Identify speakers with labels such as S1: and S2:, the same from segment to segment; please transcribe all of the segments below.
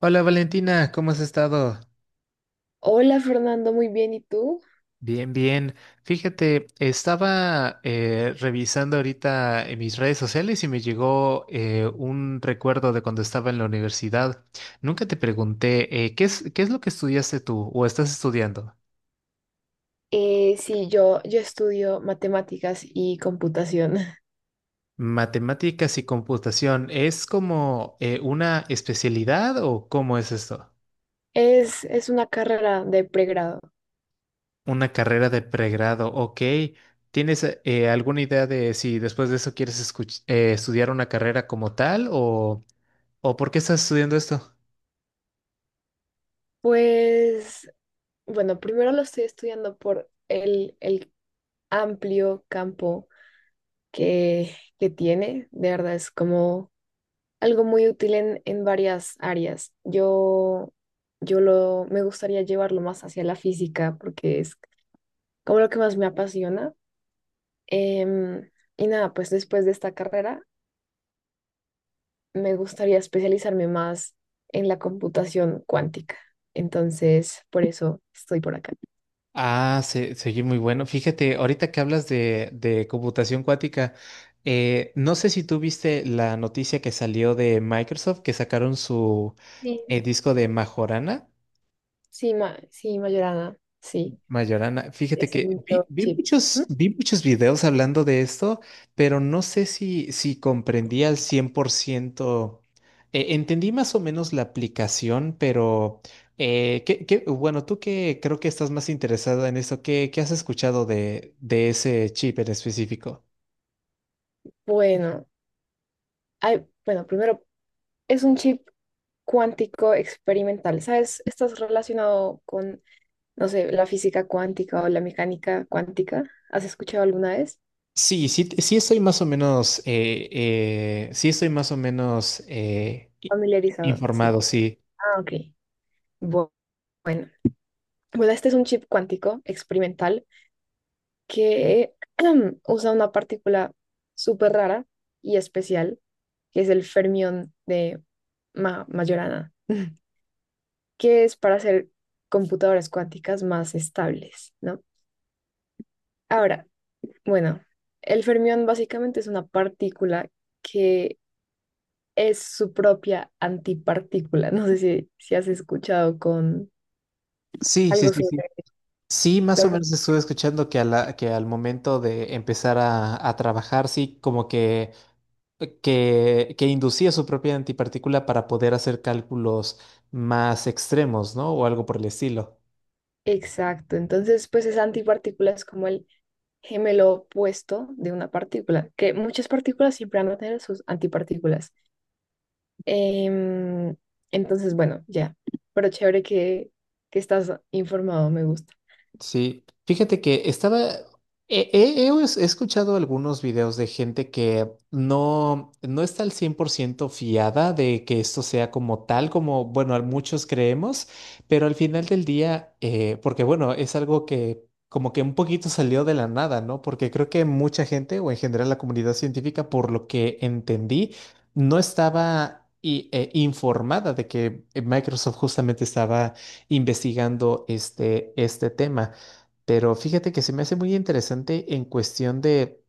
S1: Hola Valentina, ¿cómo has estado?
S2: Hola Fernando, muy bien, ¿y tú?
S1: Bien, bien. Fíjate, estaba revisando ahorita en mis redes sociales y me llegó un recuerdo de cuando estaba en la universidad. Nunca te pregunté, qué es lo que estudiaste tú o estás estudiando?
S2: Sí, yo estudio matemáticas y computación.
S1: Matemáticas y computación, ¿es como una especialidad o cómo es esto?
S2: Es una carrera de pregrado.
S1: Una carrera de pregrado, ok. ¿Tienes alguna idea de si después de eso quieres estudiar una carrera como tal o por qué estás estudiando esto?
S2: Pues, bueno, primero lo estoy estudiando por el amplio campo que tiene. De verdad, es como algo muy útil en varias áreas. Me gustaría llevarlo más hacia la física porque es como lo que más me apasiona. Em, y nada, pues después de esta carrera me gustaría especializarme más en la computación cuántica. Entonces, por eso estoy por acá.
S1: Ah, se muy bueno. Fíjate, ahorita que hablas de computación cuántica, no sé si tú viste la noticia que salió de Microsoft que sacaron su
S2: Sí,
S1: disco de Majorana.
S2: sí, ma sí, Mayorana, sí,
S1: Mayorana, fíjate
S2: es el
S1: que vi,
S2: microchip. Ujú.
S1: vi muchos videos hablando de esto, pero no sé si, si comprendí al 100%. Entendí más o menos la aplicación, pero bueno, tú que creo que estás más interesada en esto, ¿qué, qué has escuchado de ese chip en específico?
S2: Bueno, primero, es un chip cuántico experimental, ¿sabes? ¿Estás relacionado con, no sé, la física cuántica o la mecánica cuántica? ¿Has escuchado alguna vez?
S1: Sí, sí, sí estoy más o menos, sí estoy más o menos
S2: Familiarizado, sí.
S1: informado, sí.
S2: Ah, ok. Bu- Bueno, bueno, este es un chip cuántico experimental que usa una partícula súper rara y especial, que es el fermión de Majorana, que es para hacer computadoras cuánticas más estables, ¿no? Ahora, bueno, el fermión básicamente es una partícula que es su propia antipartícula. No sé si has escuchado con
S1: Sí, sí,
S2: algo
S1: sí, sí.
S2: sobre...
S1: Sí, más o
S2: las-
S1: menos estuve escuchando que, que al momento de empezar a trabajar, sí, como que, que inducía su propia antipartícula para poder hacer cálculos más extremos, ¿no? O algo por el estilo.
S2: Exacto, entonces pues esa antipartícula es como el gemelo opuesto de una partícula, que muchas partículas siempre van a tener sus antipartículas. Em, entonces, bueno, ya, pero chévere que estás informado, me gusta.
S1: Sí, fíjate que estaba, he escuchado algunos videos de gente que no, no está al 100% fiada de que esto sea como tal, como, bueno, muchos creemos, pero al final del día, porque bueno, es algo que como que un poquito salió de la nada, ¿no? Porque creo que mucha gente, o en general la comunidad científica, por lo que entendí, no estaba informada de que Microsoft justamente estaba investigando este tema. Pero fíjate que se me hace muy interesante en cuestión de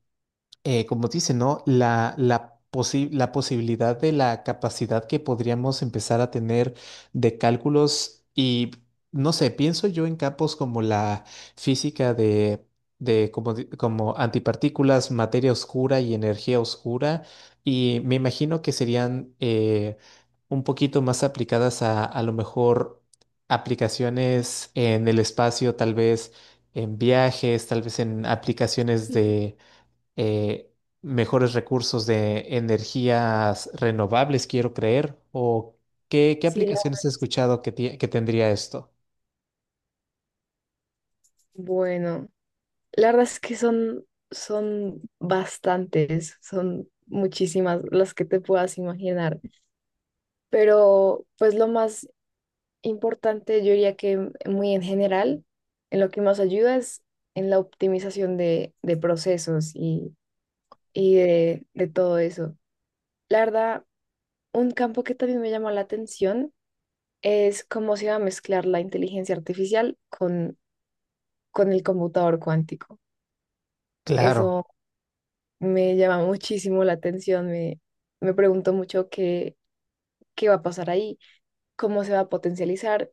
S1: como dice, ¿no? La posibilidad de la capacidad que podríamos empezar a tener de cálculos y, no sé, pienso yo en campos como la física de como, como antipartículas, materia oscura y energía oscura, y me imagino que serían un poquito más aplicadas a lo mejor aplicaciones en el espacio, tal vez en viajes, tal vez en aplicaciones eh, mejores recursos de energías renovables, quiero creer, o qué, qué
S2: Sí, la-
S1: aplicaciones he escuchado que, que tendría esto.
S2: bueno, la verdad es que son, son bastantes, son muchísimas las que te puedas imaginar, pero pues lo más importante, yo diría que muy en general, en lo que más ayuda es en la optimización de procesos y de todo eso. La verdad, un campo que también me llamó la atención es cómo se va a mezclar la inteligencia artificial con el computador cuántico.
S1: Claro.
S2: Eso me llama muchísimo la atención, me pregunto mucho qué va a pasar ahí, cómo se va a potencializar.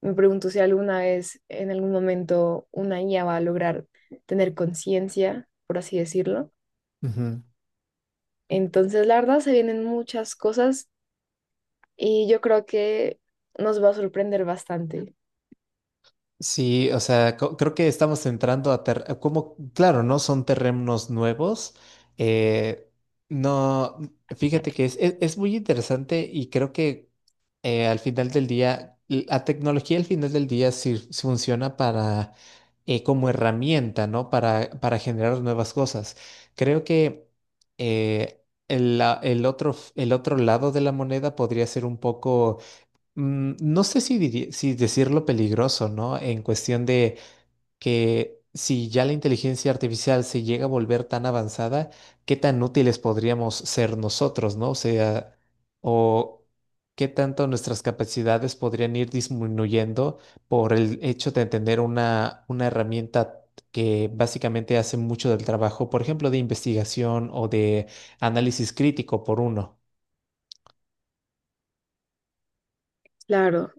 S2: Me pregunto si alguna vez, en algún momento, una IA va a lograr tener conciencia, por así decirlo.
S1: Ujú.
S2: Entonces, la verdad, se vienen muchas cosas. Y yo creo que nos va a sorprender bastante.
S1: Sí, o sea, creo que estamos entrando a como, claro, no son terrenos nuevos. eh, no, fíjate que es muy interesante y creo que al final del día, la tecnología al final del día funciona para, como herramienta, ¿no? Para generar nuevas cosas. Creo que eh, el, el otro, el otro lado de la moneda podría ser un poco, mm, no sé si, si decirlo peligroso, ¿no? En cuestión de que si ya la inteligencia artificial se llega a volver tan avanzada, ¿qué tan útiles podríamos ser nosotros, ¿no? O sea, o qué tanto nuestras capacidades podrían ir disminuyendo por el hecho de tener una herramienta que básicamente hace mucho del trabajo, por ejemplo, de investigación o de análisis crítico por uno.
S2: Claro.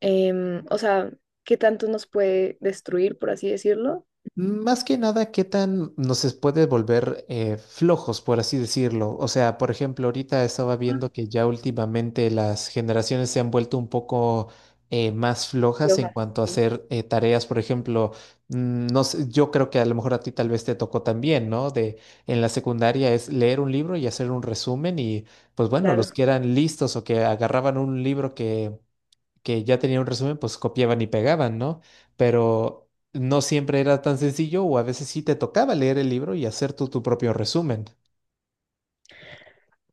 S2: em, o sea, ¿Qué tanto nos puede destruir, por así decirlo?
S1: Más que nada, ¿qué tan nos puede volver flojos, por así decirlo? O sea, por ejemplo, ahorita estaba viendo que ya últimamente las generaciones se han vuelto un poco más
S2: Y
S1: flojas en
S2: hojas,
S1: cuanto a
S2: sí,
S1: hacer tareas. Por ejemplo, mm, no sé, yo creo que a lo mejor a ti tal vez te tocó también, ¿no? De en la secundaria es leer un libro y hacer un resumen y, pues bueno, los
S2: claro.
S1: que eran listos o que agarraban un libro que ya tenían un resumen, pues copiaban y pegaban, ¿no? Pero no siempre era tan sencillo o a veces sí te tocaba leer el libro y hacer tú tu propio resumen.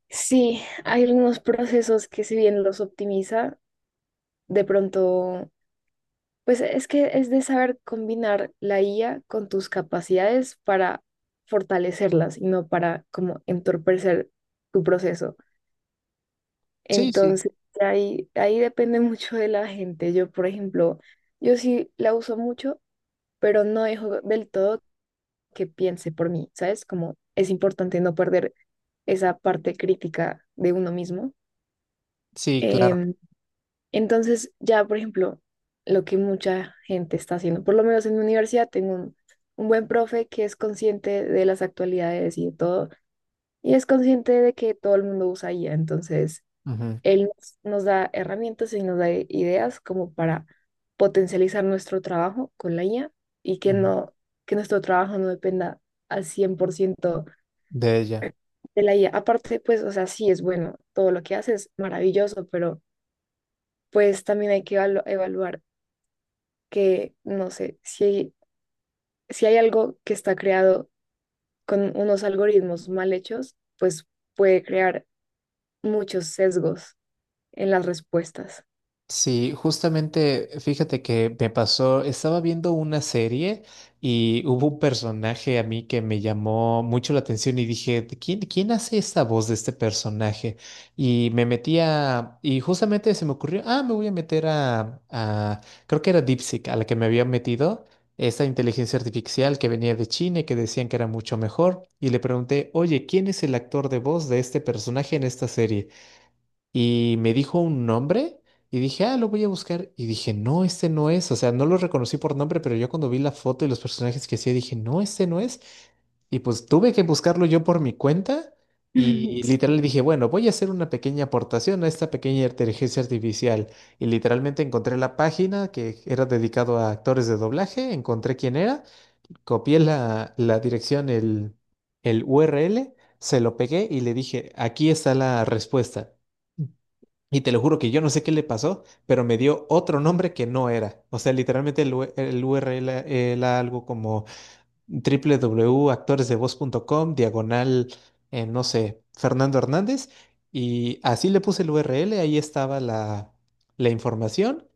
S2: Sí, hay algunos procesos que si bien los optimiza, de pronto, pues es que es de saber combinar la IA con tus capacidades para fortalecerlas y no para como entorpecer tu proceso.
S1: Sí, sí.
S2: Entonces, ahí depende mucho de la gente. Yo, por ejemplo, yo sí la uso mucho, pero no dejo del todo que piense por mí, ¿sabes? Como es importante no perder esa parte crítica de uno mismo.
S1: Sí, claro.
S2: Em, entonces, ya, por ejemplo, lo que mucha gente está haciendo, por lo menos en mi universidad, tengo un buen profe que es consciente de las actualidades y de todo, y es consciente de que todo el mundo usa IA, entonces
S1: Ujú,
S2: él nos da herramientas y nos da ideas como para potencializar nuestro trabajo con la IA y que
S1: ujú.
S2: no, que nuestro trabajo no dependa al 100%
S1: De ella.
S2: de la IA. Aparte, pues, o sea, sí es bueno, todo lo que hace es maravilloso, pero pues también hay que evaluar que, no sé, si hay, si hay algo que está creado con unos algoritmos mal hechos, pues puede crear muchos sesgos en las respuestas.
S1: Sí, justamente, fíjate que me pasó, estaba viendo una serie y hubo un personaje a mí que me llamó mucho la atención y dije, "¿De ¿quién, quién hace esta voz de este personaje? Y me metía, y justamente se me ocurrió, ah, me voy a meter a, creo que era DeepSeek, a la que me había metido, esta inteligencia artificial que venía de China y que decían que era mucho mejor, y le pregunté, oye, ¿quién es el actor de voz de este personaje en esta serie? Y me dijo un nombre y dije, ah, lo voy a buscar. Y dije, no, este no es. O sea, no lo reconocí por nombre, pero yo cuando vi la foto y los personajes que hacía, dije, no, este no es. Y pues tuve que buscarlo yo por mi cuenta y literal dije, bueno, voy a hacer una pequeña aportación a esta pequeña inteligencia artificial. Y literalmente encontré la página que era dedicado a actores de doblaje, encontré quién era, copié la, la dirección, el URL, se lo pegué y le dije, aquí está la respuesta. Y te lo juro que yo no sé qué le pasó, pero me dio otro nombre que no era. O sea, literalmente el, el URL era algo como www.actoresdevoz.com, diagonal, no sé, Fernando Hernández. Y así le puse el URL, ahí estaba la, la información.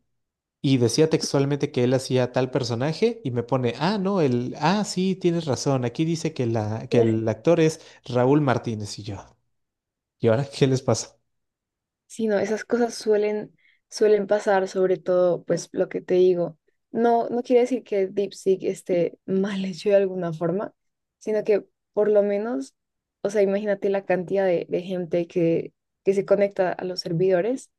S1: Y decía textualmente que él hacía tal personaje y me pone, ah, no, el, ah, sí, tienes razón, aquí dice que, la,
S2: Sí,
S1: que el actor es Raúl Martínez y yo. ¿Y ahora qué les pasa?
S2: sí, no, esas cosas suelen, suelen pasar, sobre todo, pues lo que te digo. No, no quiere decir que DeepSeek esté mal hecho de alguna forma, sino que por lo menos, o sea, imagínate la cantidad de gente que se conecta a los servidores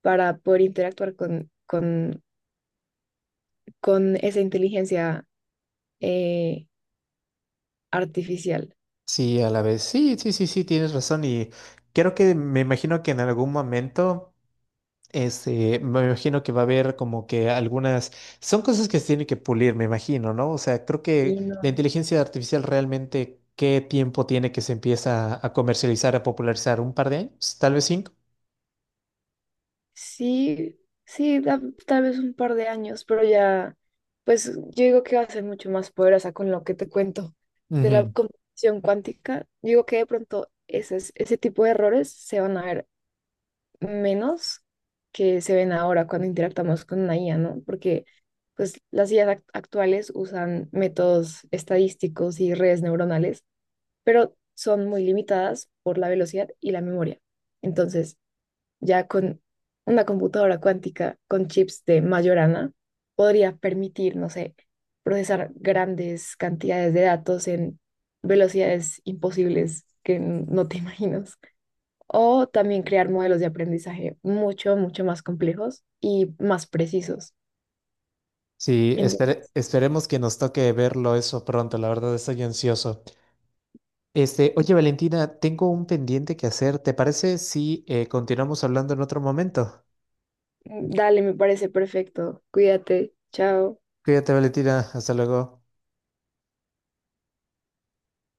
S2: para poder interactuar con esa inteligencia eh, artificial.
S1: Sí, a la vez. Sí, sí, sí, sí, tienes razón. Y creo que me imagino que en algún momento, este, me imagino que va a haber como que algunas, son cosas que se tienen que pulir, me imagino, ¿no? O sea, creo que
S2: Y no.
S1: la inteligencia artificial realmente, ¿qué tiempo tiene que se empieza a comercializar, a popularizar? ¿Un par de años? ¿Tal vez cinco?
S2: Sí, sí, da- tal vez un par de años, pero ya, pues yo digo que va a ser mucho más poderosa con lo que te cuento de la
S1: Ujú.
S2: computación cuántica. Digo que de pronto ese tipo de errores se van a ver menos que se ven ahora cuando interactuamos con una IA, ¿no? Porque pues las IAs actuales usan métodos estadísticos y redes neuronales, pero son muy limitadas por la velocidad y la memoria. Entonces, ya con una computadora cuántica con chips de Majorana podría permitir, no sé, procesar grandes cantidades de datos en velocidades imposibles que no te imaginas. O también crear modelos de aprendizaje mucho, mucho más complejos y más precisos.
S1: Sí,
S2: En-
S1: esperemos que nos toque verlo eso pronto, la verdad estoy ansioso. Este, oye Valentina, tengo un pendiente que hacer, ¿te parece si continuamos hablando en otro momento?
S2: Dale, me parece perfecto. Cuídate. Chao.
S1: Cuídate, Valentina. Hasta luego.